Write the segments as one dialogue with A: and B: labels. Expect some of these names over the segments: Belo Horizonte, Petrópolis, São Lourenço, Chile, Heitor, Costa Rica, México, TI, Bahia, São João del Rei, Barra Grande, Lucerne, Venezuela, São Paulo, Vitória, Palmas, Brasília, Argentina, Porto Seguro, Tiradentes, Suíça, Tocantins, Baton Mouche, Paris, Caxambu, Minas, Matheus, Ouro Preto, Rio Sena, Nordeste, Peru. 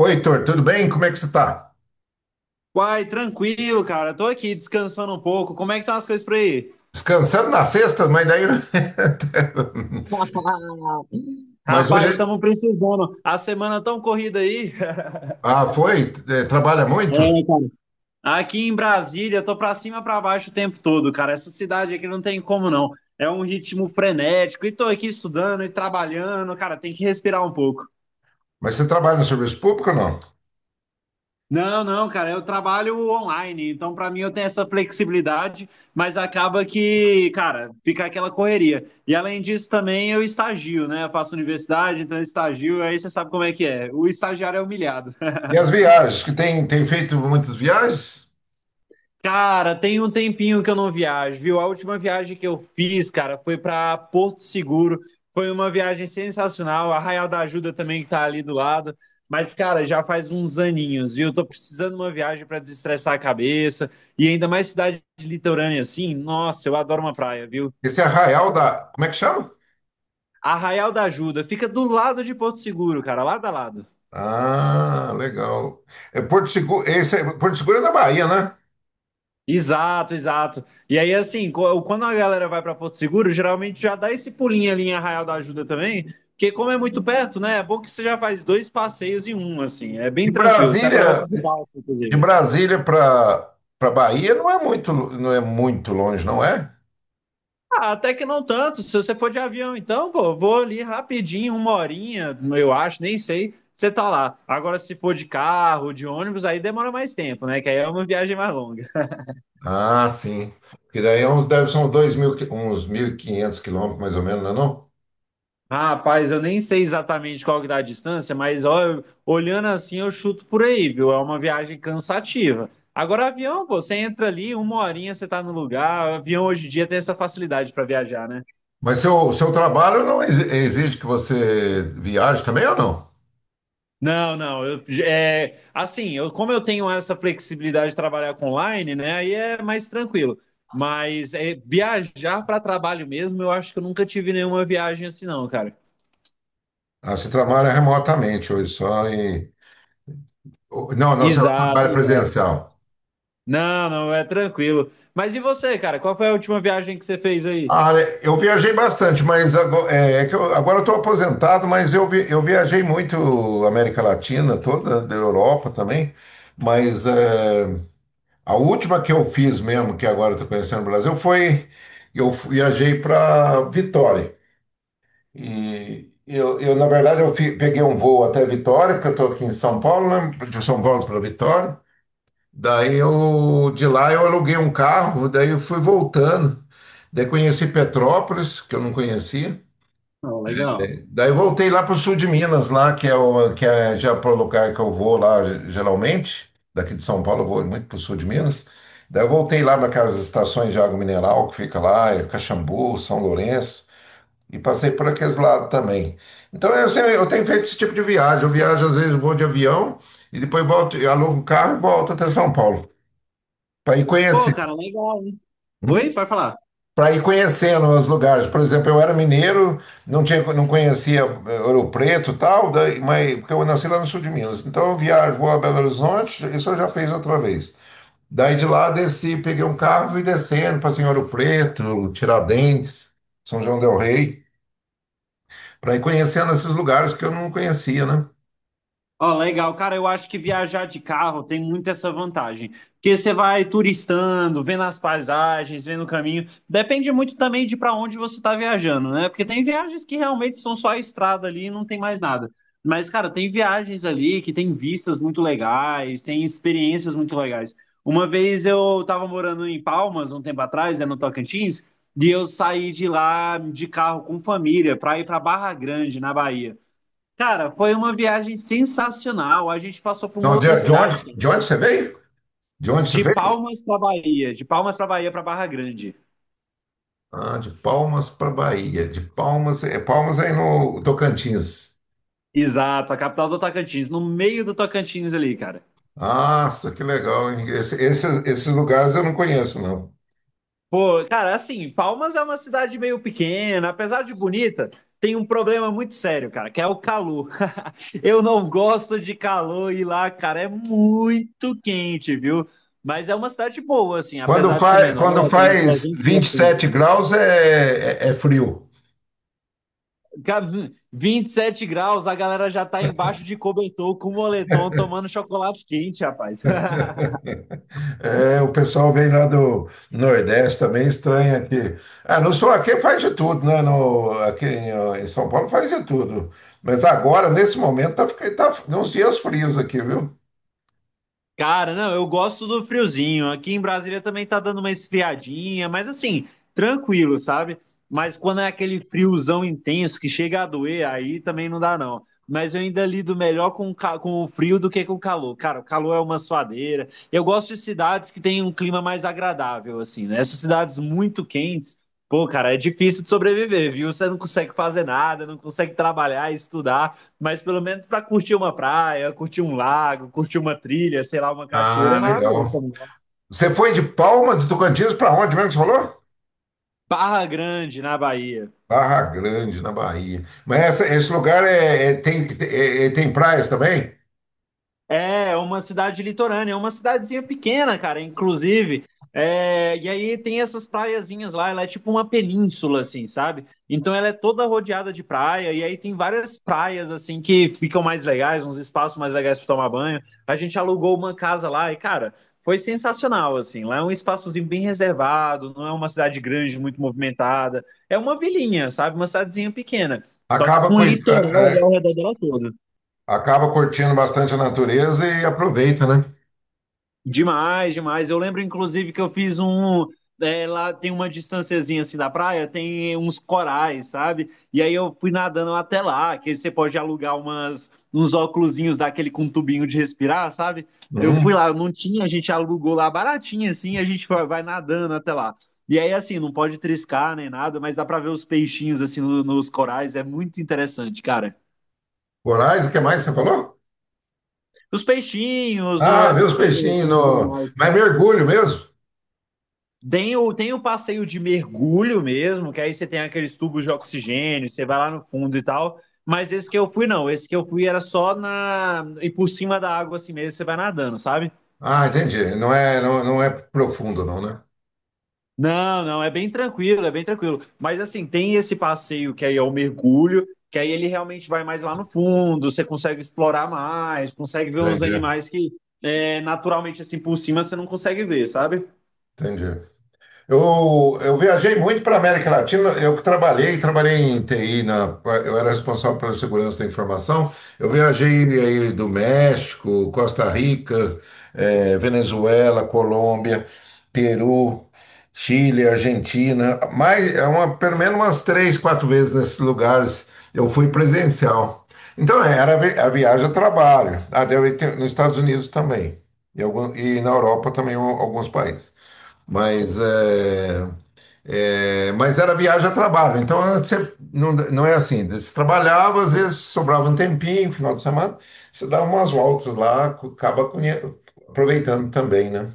A: Oi, Heitor, tudo bem? Como é que você está?
B: Uai, tranquilo, cara. Tô aqui descansando um pouco. Como é que estão as coisas por aí?
A: Descansando na sexta, mas daí. Mas
B: Rapaz,
A: hoje.
B: estamos precisando. A semana tão corrida aí.
A: Ah, foi? Trabalha muito?
B: É, cara. Aqui em Brasília, tô pra cima e pra baixo o tempo todo, cara. Essa cidade aqui não tem como não. É um ritmo frenético. E tô aqui estudando e trabalhando, cara. Tem que respirar um pouco.
A: Mas você trabalha no serviço público ou não?
B: Não, não, cara, eu trabalho online, então pra mim eu tenho essa flexibilidade, mas acaba que, cara, fica aquela correria. E além disso também eu estagio, né? Eu faço universidade, então eu estagio, aí você sabe como é que é. O estagiário é humilhado.
A: E as viagens? Que tem feito muitas viagens?
B: Cara, tem um tempinho que eu não viajo, viu? A última viagem que eu fiz, cara, foi para Porto Seguro. Foi uma viagem sensacional. Arraial da Ajuda também que tá ali do lado. Mas, cara, já faz uns aninhos, viu? Tô precisando de uma viagem para desestressar a cabeça. E ainda mais cidade litorânea assim. Nossa, eu adoro uma praia, viu?
A: Esse Arraial da. Como é que chama?
B: Arraial da Ajuda fica do lado de Porto Seguro, cara, lado a lado.
A: Ah, legal. É Porto Seguro. Porto Seguro é da Bahia, né?
B: Exato, exato. E aí, assim, quando a galera vai para Porto Seguro, geralmente já dá esse pulinho ali em Arraial da Ajuda também, porque como é muito perto, né? É bom que você já faz dois passeios em um, assim, é bem
A: De
B: tranquilo. Você
A: Brasília,
B: atravessa de balsa,
A: de
B: inclusive.
A: Brasília para Bahia não é muito longe, não é?
B: Ah, até que não tanto. Se você for de avião, então, pô, vou ali rapidinho, uma horinha, eu acho, nem sei. Você tá lá. Agora, se for de carro, de ônibus, aí demora mais tempo, né? Que aí é uma viagem mais longa.
A: Ah, sim. Porque daí é uns, deve ser uns 2.000, uns 1.500 quilômetros, mais ou menos, não é não?
B: Ah, rapaz, eu nem sei exatamente qual que dá a distância, mas ó, olhando assim eu chuto por aí, viu? É uma viagem cansativa. Agora, avião, pô, você entra ali, uma horinha você tá no lugar. Avião hoje em dia tem essa facilidade para viajar, né?
A: Mas seu trabalho não exige que você viaje também ou não?
B: Não, não, eu, é, assim, eu, como eu tenho essa flexibilidade de trabalhar com online, né? Aí é mais tranquilo. Mas é, viajar para trabalho mesmo, eu acho que eu nunca tive nenhuma viagem assim, não, cara.
A: Ah, você trabalha remotamente hoje só. Não, não, você
B: Exato,
A: trabalha
B: exato.
A: presencial.
B: Não, não, é tranquilo. Mas e você, cara? Qual foi a última viagem que você fez aí?
A: Ah, né, eu viajei bastante, mas agora, é que eu, agora eu estou aposentado, mas eu viajei muito América Latina toda, da Europa também, mas... eh, a última que eu fiz mesmo, que agora eu estou conhecendo o Brasil, foi eu viajei para Vitória. E eu, na verdade, peguei um voo até Vitória, porque eu estou aqui em São Paulo, né? De São Paulo para Vitória. Daí de lá eu aluguei um carro, daí eu fui voltando. Daí conheci Petrópolis, que eu não conhecia.
B: Não, legal.
A: Daí eu voltei lá para o sul de Minas, lá, que é já para o lugar que eu vou lá geralmente. Daqui de São Paulo eu vou muito para o sul de Minas. Daí eu voltei lá para aquelas estações de água mineral que fica lá, é Caxambu, São Lourenço, e passei por aqueles lados também. Então eu tenho feito esse tipo de viagem. Eu viajo, às vezes, vou de avião e depois volto, eu alugo um carro e volto até São Paulo para ir
B: Pô,
A: conhecer.
B: cara, legal, hein? Oi,
A: Hum?
B: pode falar.
A: Para ir conhecendo os lugares. Por exemplo, eu era mineiro, não conhecia Ouro Preto e tal, mas, porque eu nasci lá no sul de Minas. Então eu viajo, vou a Belo Horizonte, isso eu já fiz outra vez. Daí de lá desci, peguei um carro e descendo para Ouro Preto, Tiradentes, São João del Rei, para ir conhecendo esses lugares que eu não conhecia, né?
B: Ó, legal, cara, eu acho que viajar de carro tem muito essa vantagem, porque você vai turistando, vendo as paisagens, vendo o caminho. Depende muito também de para onde você está viajando, né? Porque tem viagens que realmente são só a estrada ali e não tem mais nada. Mas, cara, tem viagens ali que tem vistas muito legais, tem experiências muito legais. Uma vez eu estava morando em Palmas, um tempo atrás, né, no Tocantins, e eu saí de lá de carro com família para ir para Barra Grande, na Bahia. Cara, foi uma viagem sensacional. A gente passou por uma
A: Não,
B: outra
A: de, de onde,
B: cidade, cara.
A: de onde você veio? De onde você
B: De
A: veio?
B: Palmas para Bahia, de Palmas para Bahia para Barra Grande.
A: Ah, de Palmas para Bahia. De Palmas, Palmas é aí no Tocantins.
B: Exato, a capital do Tocantins, no meio do Tocantins ali, cara.
A: Nossa, que legal, hein? Esses lugares eu não conheço, não.
B: Pô, cara, assim, Palmas é uma cidade meio pequena, apesar de bonita, tem um problema muito sério, cara, que é o calor. Eu não gosto de calor e lá, cara, é muito quente, viu? Mas é uma cidade boa, assim,
A: Quando
B: apesar de ser
A: faz,
B: menor,
A: quando
B: tem uns
A: faz
B: 300 mil.
A: 27 graus é frio.
B: 27 graus, a galera já tá embaixo de cobertor com moletom tomando chocolate quente, rapaz.
A: É, o pessoal vem lá do Nordeste também, estranha aqui. Ah, no sul aqui faz de tudo, né? No, Aqui em, ó, em São Paulo faz de tudo. Mas agora, nesse momento, tá uns dias frios aqui, viu?
B: Cara, não, eu gosto do friozinho. Aqui em Brasília também tá dando uma esfriadinha, mas assim, tranquilo, sabe? Mas quando é aquele friozão intenso que chega a doer, aí também não dá, não. Mas eu ainda lido melhor com, com o frio do que com o calor. Cara, o calor é uma suadeira. Eu gosto de cidades que têm um clima mais agradável, assim, né? Essas cidades muito quentes, pô, cara, é difícil de sobreviver, viu? Você não consegue fazer nada, não consegue trabalhar, estudar. Mas pelo menos para curtir uma praia, curtir um lago, curtir uma trilha, sei lá, uma cachoeira, é
A: Ah,
B: maravilhoso
A: legal.
B: também.
A: Você foi de Palma, de Tocantins, para onde mesmo que você falou?
B: Barra Grande, na Bahia.
A: Barra Grande, na Bahia. Mas esse lugar tem praias também?
B: É uma cidade litorânea, é uma cidadezinha pequena, cara, inclusive. É, e aí tem essas praiazinhas lá, ela é tipo uma península, assim, sabe? Então ela é toda rodeada de praia, e aí tem várias praias, assim, que ficam mais legais, uns espaços mais legais para tomar banho. A gente alugou uma casa lá e, cara, foi sensacional, assim. Lá é um espaçozinho bem reservado, não é uma cidade grande, muito movimentada. É uma vilinha, sabe? Uma cidadezinha pequena, só que
A: Acaba,
B: com
A: coi-
B: litoral
A: a-
B: ali ao redor dela toda.
A: acaba curtindo bastante a natureza e aproveita, né?
B: Demais, demais. Eu lembro, inclusive, que eu fiz um. É, lá tem uma distânciazinha assim da praia, tem uns corais, sabe? E aí eu fui nadando até lá, que você pode alugar umas, uns óculosinhos daquele com tubinho de respirar, sabe? Eu fui
A: Uhum.
B: lá, não tinha, a gente alugou lá baratinho assim, e a gente vai nadando até lá. E aí, assim, não pode triscar nem nada, mas dá pra ver os peixinhos assim nos corais, é muito interessante, cara.
A: Corais, o que mais você falou?
B: Os peixinhos,
A: Ah, vê os
B: essas coisas
A: peixinhos.
B: assim, os
A: no-
B: animais.
A: Mas mergulho mesmo?
B: Tem o, tem o passeio de mergulho mesmo, que aí você tem aqueles tubos de oxigênio, você vai lá no fundo e tal. Mas esse que eu fui, não. Esse que eu fui era só na. E por cima da água assim mesmo, você vai nadando, sabe?
A: Ah, entendi. Não é profundo, não, né?
B: Não, não, é bem tranquilo, é bem tranquilo. Mas assim, tem esse passeio que aí é o mergulho, que aí ele realmente vai mais lá no fundo, você consegue explorar mais, consegue ver uns
A: Entendi,
B: animais que é, naturalmente assim por cima você não consegue ver, sabe?
A: entendi. Eu viajei muito para a América Latina. Eu trabalhei em TI, eu era responsável pela segurança da informação. Eu viajei aí do México, Costa Rica, Venezuela, Colômbia, Peru, Chile, Argentina. Mais, é uma, pelo menos umas três, quatro vezes nesses lugares eu fui presencial. Então, era a viagem a trabalho. Ah, nos Estados Unidos também. E, e na Europa também alguns países. Mas, é, mas era viagem a trabalho, então você, não, não é assim. Você trabalhava, às vezes sobrava um tempinho, final de semana, você dá umas voltas lá, acaba aproveitando também, né?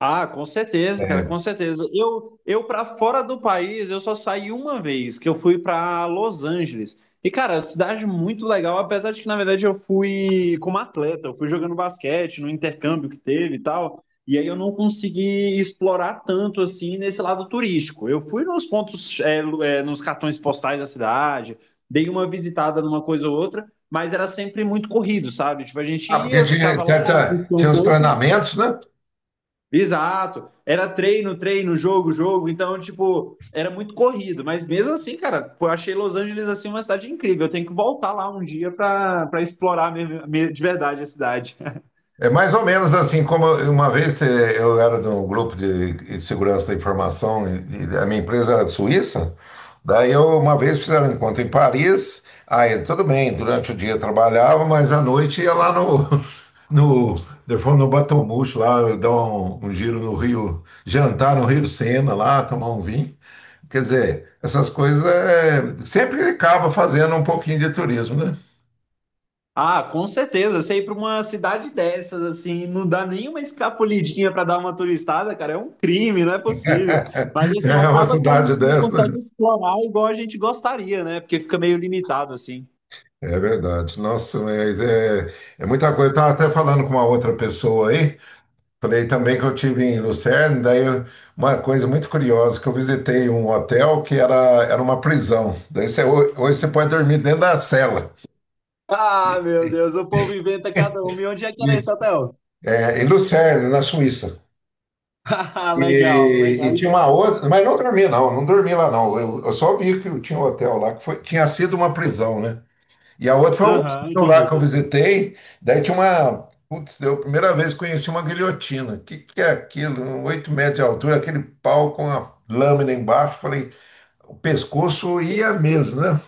B: Ah, com certeza, cara,
A: É.
B: com certeza. Eu para fora do país, eu só saí uma vez, que eu fui para Los Angeles. E, cara, cidade muito legal, apesar de que, na verdade, eu fui como atleta, eu fui jogando basquete no intercâmbio que teve e tal. E aí eu não consegui explorar tanto assim nesse lado turístico. Eu fui nos pontos, é, é, nos cartões postais da cidade, dei uma visitada numa coisa ou outra, mas era sempre muito corrido, sabe? Tipo, a gente
A: Ah, porque
B: ia,
A: tinha,
B: ficava lá,
A: certa-
B: curtia um
A: tinha os
B: pouco.
A: treinamentos, né?
B: Exato. Era treino, treino, jogo, jogo. Então, tipo, era muito corrido. Mas mesmo assim, cara, eu achei Los Angeles assim uma cidade incrível. Eu tenho que voltar lá um dia para explorar de verdade a cidade.
A: É mais ou menos assim, como uma vez eu era de um grupo de segurança da informação e a minha empresa era de Suíça, daí eu uma vez fizeram um encontro em Paris, aí tudo bem, durante o dia eu trabalhava, mas à noite ia lá no, de forma no Baton Mouche, lá eu dar um giro no Rio, jantar no Rio Sena lá, tomar um vinho. Quer dizer, essas coisas sempre acaba fazendo um pouquinho de turismo, né?
B: Ah, com certeza. Você ir para uma cidade dessas, assim, não dá nenhuma escapulidinha para dar uma turistada, cara, é um crime, não é possível. Mas assim,
A: É uma
B: acaba que a
A: cidade
B: gente não
A: dessa, né?
B: consegue explorar igual a gente gostaria, né? Porque fica meio limitado, assim.
A: É verdade. Nossa, mas é muita coisa. Eu estava até falando com uma outra pessoa aí. Falei também que eu tive em Lucerne. Daí uma coisa muito curiosa, que eu visitei um hotel que era uma prisão. Daí hoje você pode dormir dentro da cela.
B: Ah, meu Deus, o povo inventa cada um. E onde é que
A: E,
B: era esse hotel?
A: em Lucerne, na Suíça.
B: Legal,
A: E
B: legal.
A: tinha uma outra, mas não dormi não, não dormi lá não. Eu só vi que tinha um hotel lá que tinha sido uma prisão, né? E a outra foi um
B: Aham,
A: museu lá que eu
B: entendi.
A: visitei. Daí tinha uma. Putz, eu a primeira vez que conheci uma guilhotina. O que, que é aquilo? 8 metros de altura, aquele pau com a lâmina embaixo. Falei, o pescoço ia mesmo, né?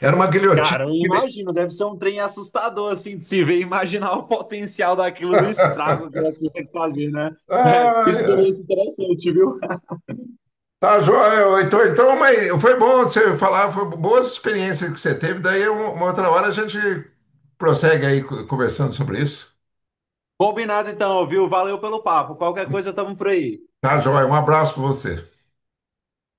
A: Era uma guilhotina.
B: Cara, eu
A: que-
B: imagino, deve ser um trem assustador, assim, de se ver, imaginar o potencial daquilo, do estrago que ela consegue fazer, né? É,
A: Ai,
B: experiência interessante, viu?
A: tá, joia, ô. Então, mas foi bom você falar, foi boas experiências que você teve. Daí, uma outra hora, a gente prossegue aí conversando sobre isso.
B: Combinado então, viu? Valeu pelo papo. Qualquer coisa, tamo por aí.
A: Tá, joia. Um abraço para você.